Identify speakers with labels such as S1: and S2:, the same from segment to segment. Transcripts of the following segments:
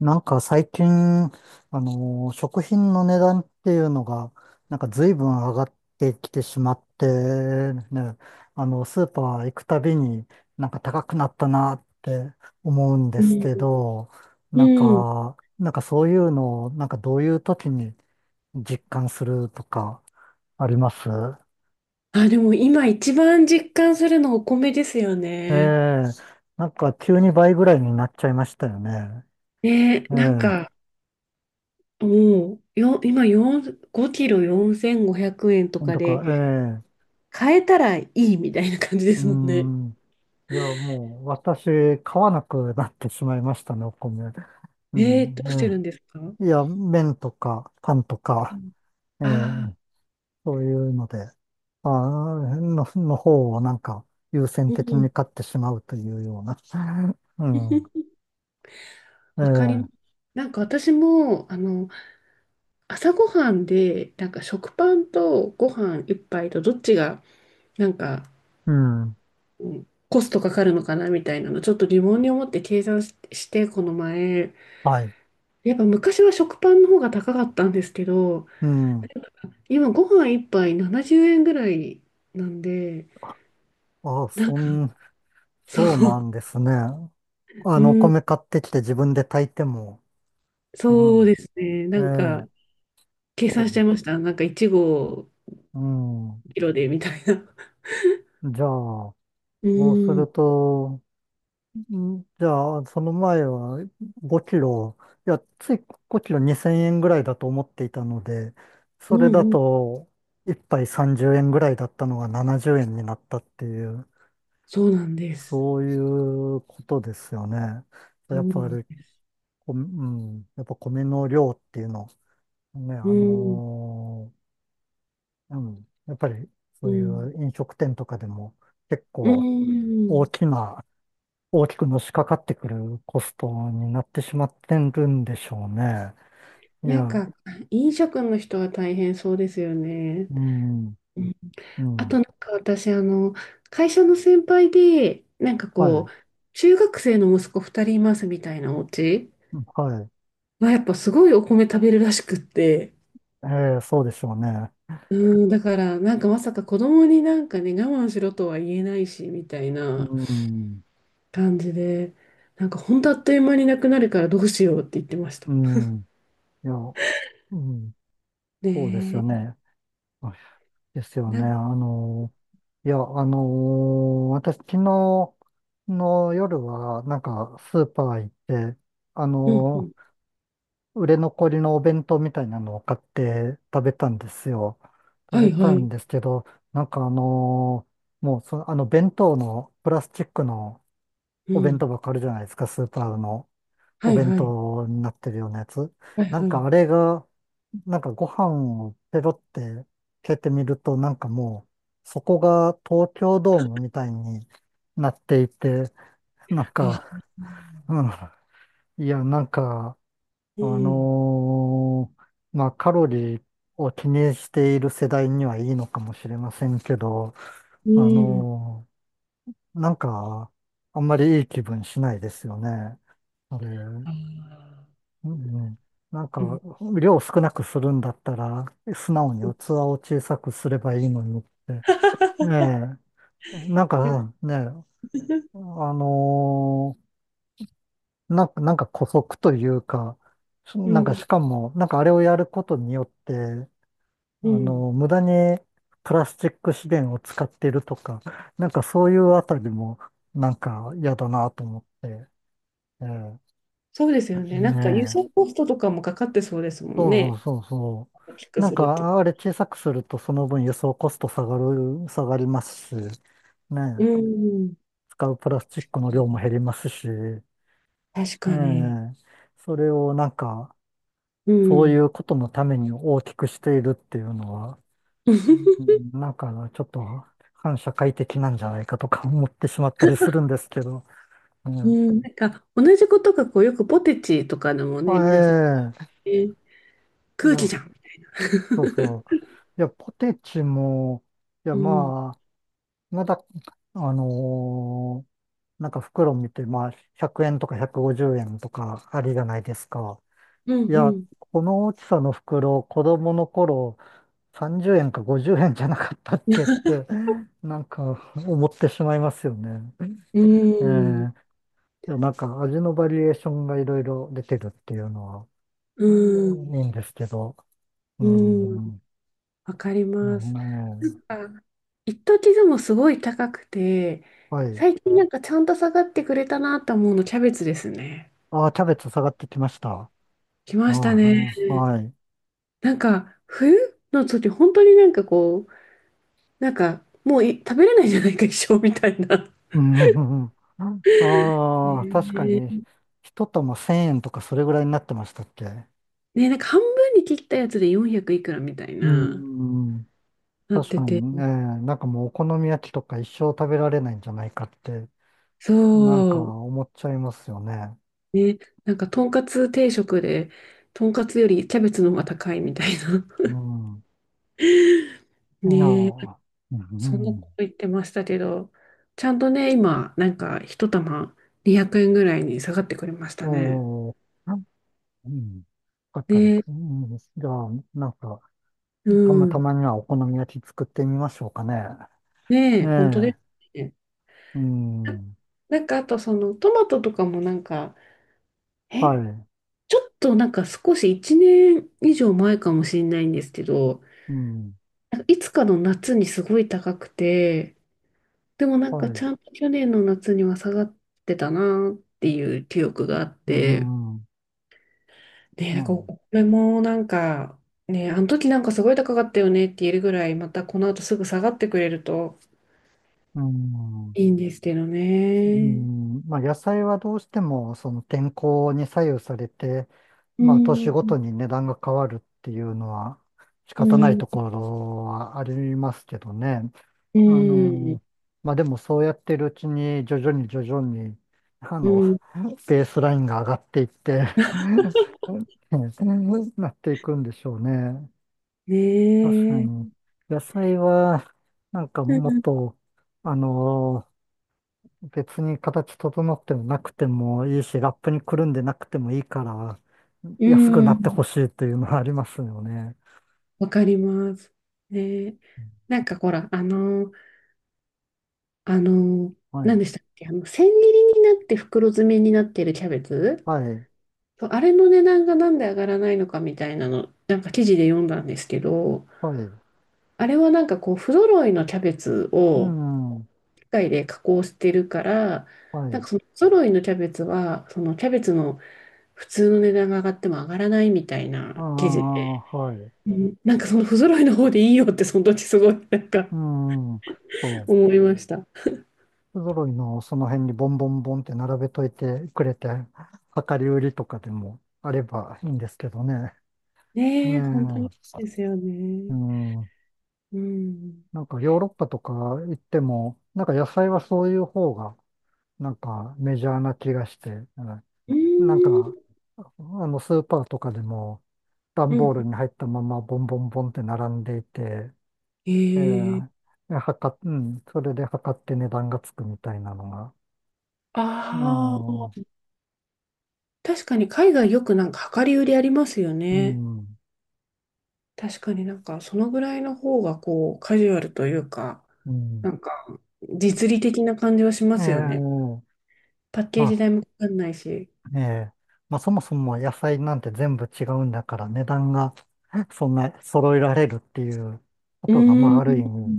S1: なんか最近、食品の値段っていうのが、なんか随分上がってきてしまって、ね、あの、スーパー行くたびになんか高くなったなって思うんで
S2: う
S1: すけ
S2: ん。
S1: ど、
S2: う
S1: なん
S2: ん、
S1: か、なんかそういうのを、なんかどういう時に実感するとかあります？
S2: あ、でも今一番実感するのお米ですよ
S1: え
S2: ね。
S1: え、なんか急に倍ぐらいになっちゃいましたよね。
S2: ね、
S1: え
S2: なん
S1: え、
S2: か、もう、今4、5キロ4500円と
S1: なん
S2: か
S1: とか。
S2: で、
S1: ええ。
S2: 買えたらいいみたいな感じで
S1: うー
S2: すもんね。
S1: ん。いや、もう私、買わなくなってしまいましたね、お米。う
S2: ど
S1: ん、
S2: うして
S1: ね。
S2: るんですか？
S1: いや、麺とか、パンとか、え
S2: あ
S1: ー
S2: あ
S1: そういうので、まあーの、の方をなんか優先
S2: ー、う
S1: 的
S2: ん。
S1: に買ってしまうというような。うん。え
S2: わかりま
S1: ー
S2: す。なんか私も、朝ごはんで、なんか食パンとご飯一杯とどっちが、なんか、
S1: うん。
S2: うん、コストかかるのかなみたいなの、ちょっと疑問に思って計算してこの前、
S1: はい。
S2: やっぱ昔は食パンの方が高かったんですけど、
S1: うん。
S2: 今ご飯一杯70円ぐらいなんで、
S1: あー、
S2: なんかそ
S1: そう
S2: う、
S1: なんですね。あ
S2: う
S1: の、お
S2: ん、
S1: 米買ってきて自分で炊いても、う
S2: そう
S1: ん。
S2: ですね。
S1: え
S2: なん
S1: ー
S2: か、計
S1: そ
S2: 算しちゃ
S1: う、で
S2: いま
S1: す
S2: した。なんか、1合
S1: う
S2: キロで、みたいな。
S1: ん。じゃあ、
S2: う
S1: そうす
S2: ん、
S1: ると、んじゃあ、その前は5キロ、いや、つい5キロ2000円ぐらいだと思っていたので、
S2: う
S1: そ
S2: ん、
S1: れだ
S2: うん。
S1: と1杯30円ぐらいだったのが70円になったっていう、
S2: そうなんです。
S1: そういうことですよね。
S2: そ
S1: やっ
S2: うな
S1: ぱ
S2: ん
S1: り、
S2: です。
S1: こうん、やっぱ米の量っていうの、ね、
S2: うん、
S1: うん、やっぱり
S2: う
S1: そうい
S2: ん、
S1: う飲食店とかでも結
S2: う
S1: 構大
S2: ん。
S1: きな大きくのしかかってくるコストになってしまってるんでしょうね。い
S2: なん
S1: や、
S2: か、飲食の人は大変そうですよね。
S1: うん、う
S2: あとな
S1: ん、
S2: んか私、会社の先輩で、なんか
S1: は
S2: こ
S1: い、
S2: う、中学生の息子2人いますみたいなお家
S1: はい、
S2: はやっぱすごいお米食べるらしくって、
S1: ええ、そうでしょうね。
S2: うん、だからなんかまさか子供になんかね、我慢しろとは言えないし、みたい
S1: う
S2: な
S1: ん、
S2: 感じで、なんかほんとあっという間になくなるからどうしようって言ってました。
S1: うん、いや、うん、そうですよ
S2: ね
S1: ね。あ、です
S2: え、
S1: よね。あの、いや、あの、私、昨日の夜は、なんか、スーパー行って、あ
S2: うんう
S1: の、
S2: ん、
S1: 売れ残りのお弁当みたいなのを買って食べたんですよ。食
S2: は
S1: べ
S2: いは
S1: た
S2: い、
S1: んですけど、なんかもうその、あの弁当のプラスチックの
S2: う
S1: お弁
S2: ん、
S1: 当箱あるじゃないですか、スーパーの
S2: は
S1: お
S2: い
S1: 弁
S2: はい、
S1: 当になってるようなやつ。
S2: はい
S1: なん
S2: は
S1: か
S2: い。
S1: あれが、なんかご飯をペロって蹴ってみると、なんかもう、そこが東京ドームみたいになっていて、なん
S2: あ、
S1: か、うん、いや、なんか、
S2: う
S1: あ
S2: ん、
S1: のまあ、カロリーを気にしている世代にはいいのかもしれませんけど、
S2: う
S1: あ
S2: ん、
S1: のなんか、あんまりいい気分しないですよね。あれ、うん
S2: あ
S1: うん、なんか、
S2: ー
S1: 量を少なくするんだったら、素直に器を小さくすればいいのにって。ええ、なんかね、あのなんか姑息というか、
S2: う
S1: なんか
S2: ん、
S1: しかも、なんかあれをやることによって、あ
S2: うん。
S1: の、無駄にプラスチック資源を使ってるとか、なんかそういうあたりも、なんか嫌だなと思って。ええ、
S2: そうですよね。な
S1: ね
S2: んか輸
S1: え。
S2: 送コストとかもかかってそうですもん
S1: そう
S2: ね。
S1: そうそうそ
S2: 大き
S1: う。
S2: く
S1: なん
S2: すると。
S1: か、あれ小さくするとその分輸送コスト下がりますし、
S2: う
S1: ねえ、
S2: ん。
S1: 使うプラスチックの量も減りますし、え
S2: 確
S1: え、
S2: かに。
S1: それをなんか、
S2: う
S1: そうい
S2: ん。
S1: うことのために大きくしているっていうのは、う ん、なんか、ちょっと反社会的なんじゃないかとか思ってしまったりするんですけど。う
S2: う
S1: ん。
S2: ん。なんか同じことがこうよくポテチとかのも
S1: あ、
S2: ね、皆さん
S1: え
S2: ね、
S1: え、い
S2: 空気
S1: や、
S2: じゃん。
S1: そうそう。いや、ポテチも、いや、
S2: うん。
S1: まあ、まだ、あのーなんか袋見て、まあ、100円とか150円とかありじゃないですか。
S2: うん
S1: い
S2: う
S1: や、
S2: ん。
S1: この大きさの袋、子供の頃、30円か50円じゃなかったっけって、なんか思ってしまいますよね。
S2: う
S1: え
S2: ん。
S1: え。いや、なんか味のバリエーションがいろいろ出てるっていうのは、う
S2: うん。
S1: ん、いいんですけど。う
S2: う
S1: ー
S2: ん。
S1: ん。
S2: わかり
S1: う
S2: ま
S1: ん、
S2: す。な
S1: ね、
S2: んか、一時でもすごい高くて、
S1: はい。
S2: 最近なんかちゃんと下がってくれたなと思うの、キャベツですね。
S1: ああ、キャベツ下がってきました。あ
S2: 来
S1: あ、
S2: ましたね。
S1: はい。
S2: なんか、冬の時、本当になんかこう、なんか、もうい食べれないじゃないか、一生みたいな。
S1: うん、うんうん、ああ、確か
S2: ね
S1: に、
S2: え、
S1: 一玉1000円とかそれぐらいになってましたっけ？
S2: ね、なんか半分に切ったやつで400いくらみたい
S1: う
S2: な、
S1: ん、うん、
S2: なっ
S1: 確か
S2: て
S1: に、
S2: て。
S1: ね、なんかもうお好み焼きとか一生食べられないんじゃないかって、なんか
S2: そう。
S1: 思っちゃいますよね。
S2: ね、なんか、とんかつ定食で、とんかつよりキャベツの方が高いみたいな。
S1: うん。いや
S2: ねえ、
S1: ー、うん、う
S2: そんなこ
S1: ん、
S2: と言ってましたけど、ちゃんとね、今、なんか一玉200円ぐらいに下がってくれましたね。
S1: おー、うん、よかったです。
S2: ね、
S1: うん、じゃあ、なんか、
S2: う
S1: たまた
S2: ん。
S1: まにはお好み焼き作ってみましょうかね。
S2: ね
S1: え
S2: え、本当で
S1: え、
S2: すね。
S1: うん、
S2: ななんかあとそのトマトとかもなんか、え、
S1: はい、
S2: ちょっとなんか少し1年以上前かもしれないんですけど、
S1: うん、
S2: なんかいつかの夏にすごい高くて、でもなん
S1: は
S2: か
S1: い、
S2: ちゃんと去年の夏には下がってたなっていう記憶があっ
S1: う
S2: て、
S1: ん、
S2: ねえ、な
S1: ま
S2: んか、
S1: あ、
S2: これもなんか、ねえ、あの時なんかすごい高かったよねって言えるぐらい、またこの後すぐ下がってくれると
S1: うん、
S2: いいんですけど
S1: う
S2: ね。
S1: ん、まあ、野菜はどうしても、その天候に左右されて、
S2: う
S1: まあ、年
S2: ん、
S1: ごとに値段が変わるっていうのは仕
S2: う
S1: 方ない
S2: ん、
S1: ところはありますけどね。
S2: う
S1: あ
S2: ん、
S1: の、まあ、でもそうやってるうちに徐々に徐々に、あ
S2: う
S1: の、
S2: ん、
S1: ベースラインが上がっていって なっていくんでしょうね。確か
S2: ねえ。
S1: に。野菜は、なんか
S2: う
S1: もっ
S2: ん、
S1: と、あの、別に形整ってもなくてもいいし、ラップにくるんでなくてもいいから、
S2: う
S1: 安くな
S2: ん、
S1: ってほしいというのはありますよね。
S2: わかります。ねえ、なんかほら、あの、
S1: は
S2: 何
S1: い。
S2: でしたっけ、千切りになって袋詰めになってるキャベツ、
S1: はい。
S2: そうあれの値段がなんで上がらないのかみたいなの、なんか記事で読んだんですけど、
S1: はい。
S2: あれはなんかこう、不揃いのキャベツ
S1: う
S2: を
S1: ん。
S2: 機械で加工してるから、
S1: は
S2: なん
S1: い。
S2: かその不揃いのキャベツは、そのキャベツの普通の値段が上がっても上がらないみたい
S1: あ
S2: な記事で、
S1: あ、はい。
S2: うん、なんかその不揃いの方でいいよってその時すごいなんか
S1: うん、そう。
S2: 思いました。
S1: 不揃いのその辺にボンボンボンって並べといてくれて、量り売りとかでもあればいいんですけどね。
S2: ね
S1: ね
S2: え、本当にそうですよ
S1: え。う
S2: ね。
S1: ん。
S2: うん。
S1: なんかヨーロッパとか行っても、なんか野菜はそういう方が、なんかメジャーな気がして、うん、
S2: うー
S1: なんか、
S2: ん。
S1: あのスーパーとかでも、段
S2: う
S1: ボー
S2: ん。
S1: ルに入ったままボンボンボンって並んでいて、え
S2: ええ、
S1: え、うん、それで測って値段がつくみたいなのが、う
S2: あ
S1: ん、
S2: あ、確かに海外よくなんか量り売りありますよ
S1: う
S2: ね。
S1: ん、
S2: 確かになんかそのぐらいの方がこうカジュアルというか、
S1: うん。
S2: なんか実利的な感じはしま
S1: え
S2: すよね。
S1: え、
S2: パッケージ
S1: ま
S2: 代もかかんないし。
S1: あ、そもそも野菜なんて全部違うんだから値段が そんな揃えられるっていうこ
S2: う
S1: とが、ま
S2: ー
S1: あある意
S2: ん。
S1: 味、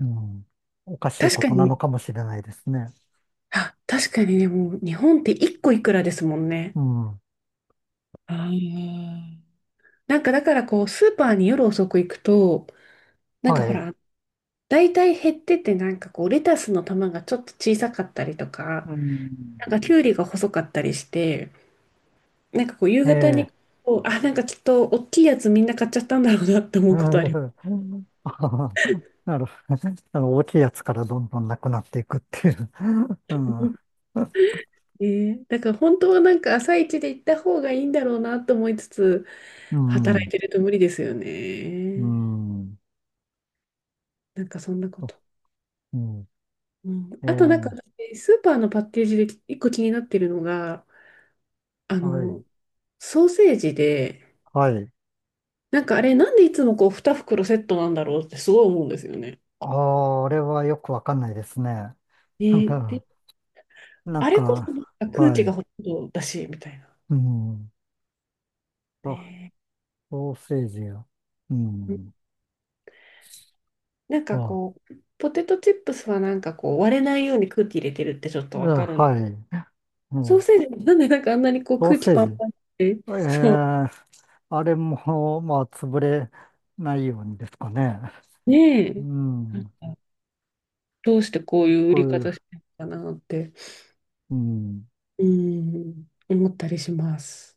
S1: うん、おかしい
S2: 確
S1: こ
S2: か
S1: となの
S2: に、
S1: かもしれないですね。
S2: あ、確かにね、もう日本って一個いくらですもんね。
S1: うん、
S2: あー、なんかだからこうスーパーに夜遅く行くと、なん
S1: は
S2: かほ
S1: い。
S2: ら、大体減っててなんかこうレタスの玉がちょっと小さかったりとか、
S1: うん、
S2: なんかきゅうりが細かったりして、なんかこう夕方に
S1: ええ、
S2: こう、あ、なんかきっと大きいやつみんな買っちゃったんだろうなって思
S1: う
S2: うことありま
S1: ん、 なるほど。あの大きいやつからどんどんなくなっていくっていう。う
S2: す。
S1: ん、
S2: ね、だから本当はなんか朝一で行った方がいいんだろうなと思いつつ、
S1: う
S2: 働い
S1: ん、
S2: てると無理ですよ
S1: う
S2: ね。
S1: ん、
S2: なんかそんなこと。
S1: う
S2: うん、
S1: ん、え
S2: あとなんか
S1: え、
S2: 私、スーパーのパッケージで一個気になってるのが、あ
S1: はい。
S2: の、ソーセージで、
S1: はい。
S2: なんかあれなんでいつもこう2袋セットなんだろうってすごい思うんですよね。
S1: あれはよくわかんないですね。なん
S2: ね、で、
S1: か、なん
S2: あれこそな
S1: か、
S2: んか空
S1: は
S2: 気が
S1: い。
S2: ほとんどだし、みたいな。
S1: うん。あ、
S2: ね、
S1: ソーセージや。うん。
S2: なんか
S1: あ、
S2: こう、ポテトチップスはなんかこう、割れないように空気入れてるってちょっと
S1: う
S2: わ
S1: ん、
S2: かる。
S1: はい。う
S2: ソー
S1: ん。
S2: セージもなんでなんかあんなにこう
S1: ソー
S2: 空気
S1: セー
S2: パ
S1: ジ。
S2: ンパンって、
S1: ええ、あれも、まあ、潰れないようにですかね。
S2: ね
S1: う
S2: え、なんか
S1: ん。
S2: どうしてこういう売
S1: こう
S2: り
S1: いう、
S2: 方してるのかなって、
S1: うん。
S2: うん、思ったりします。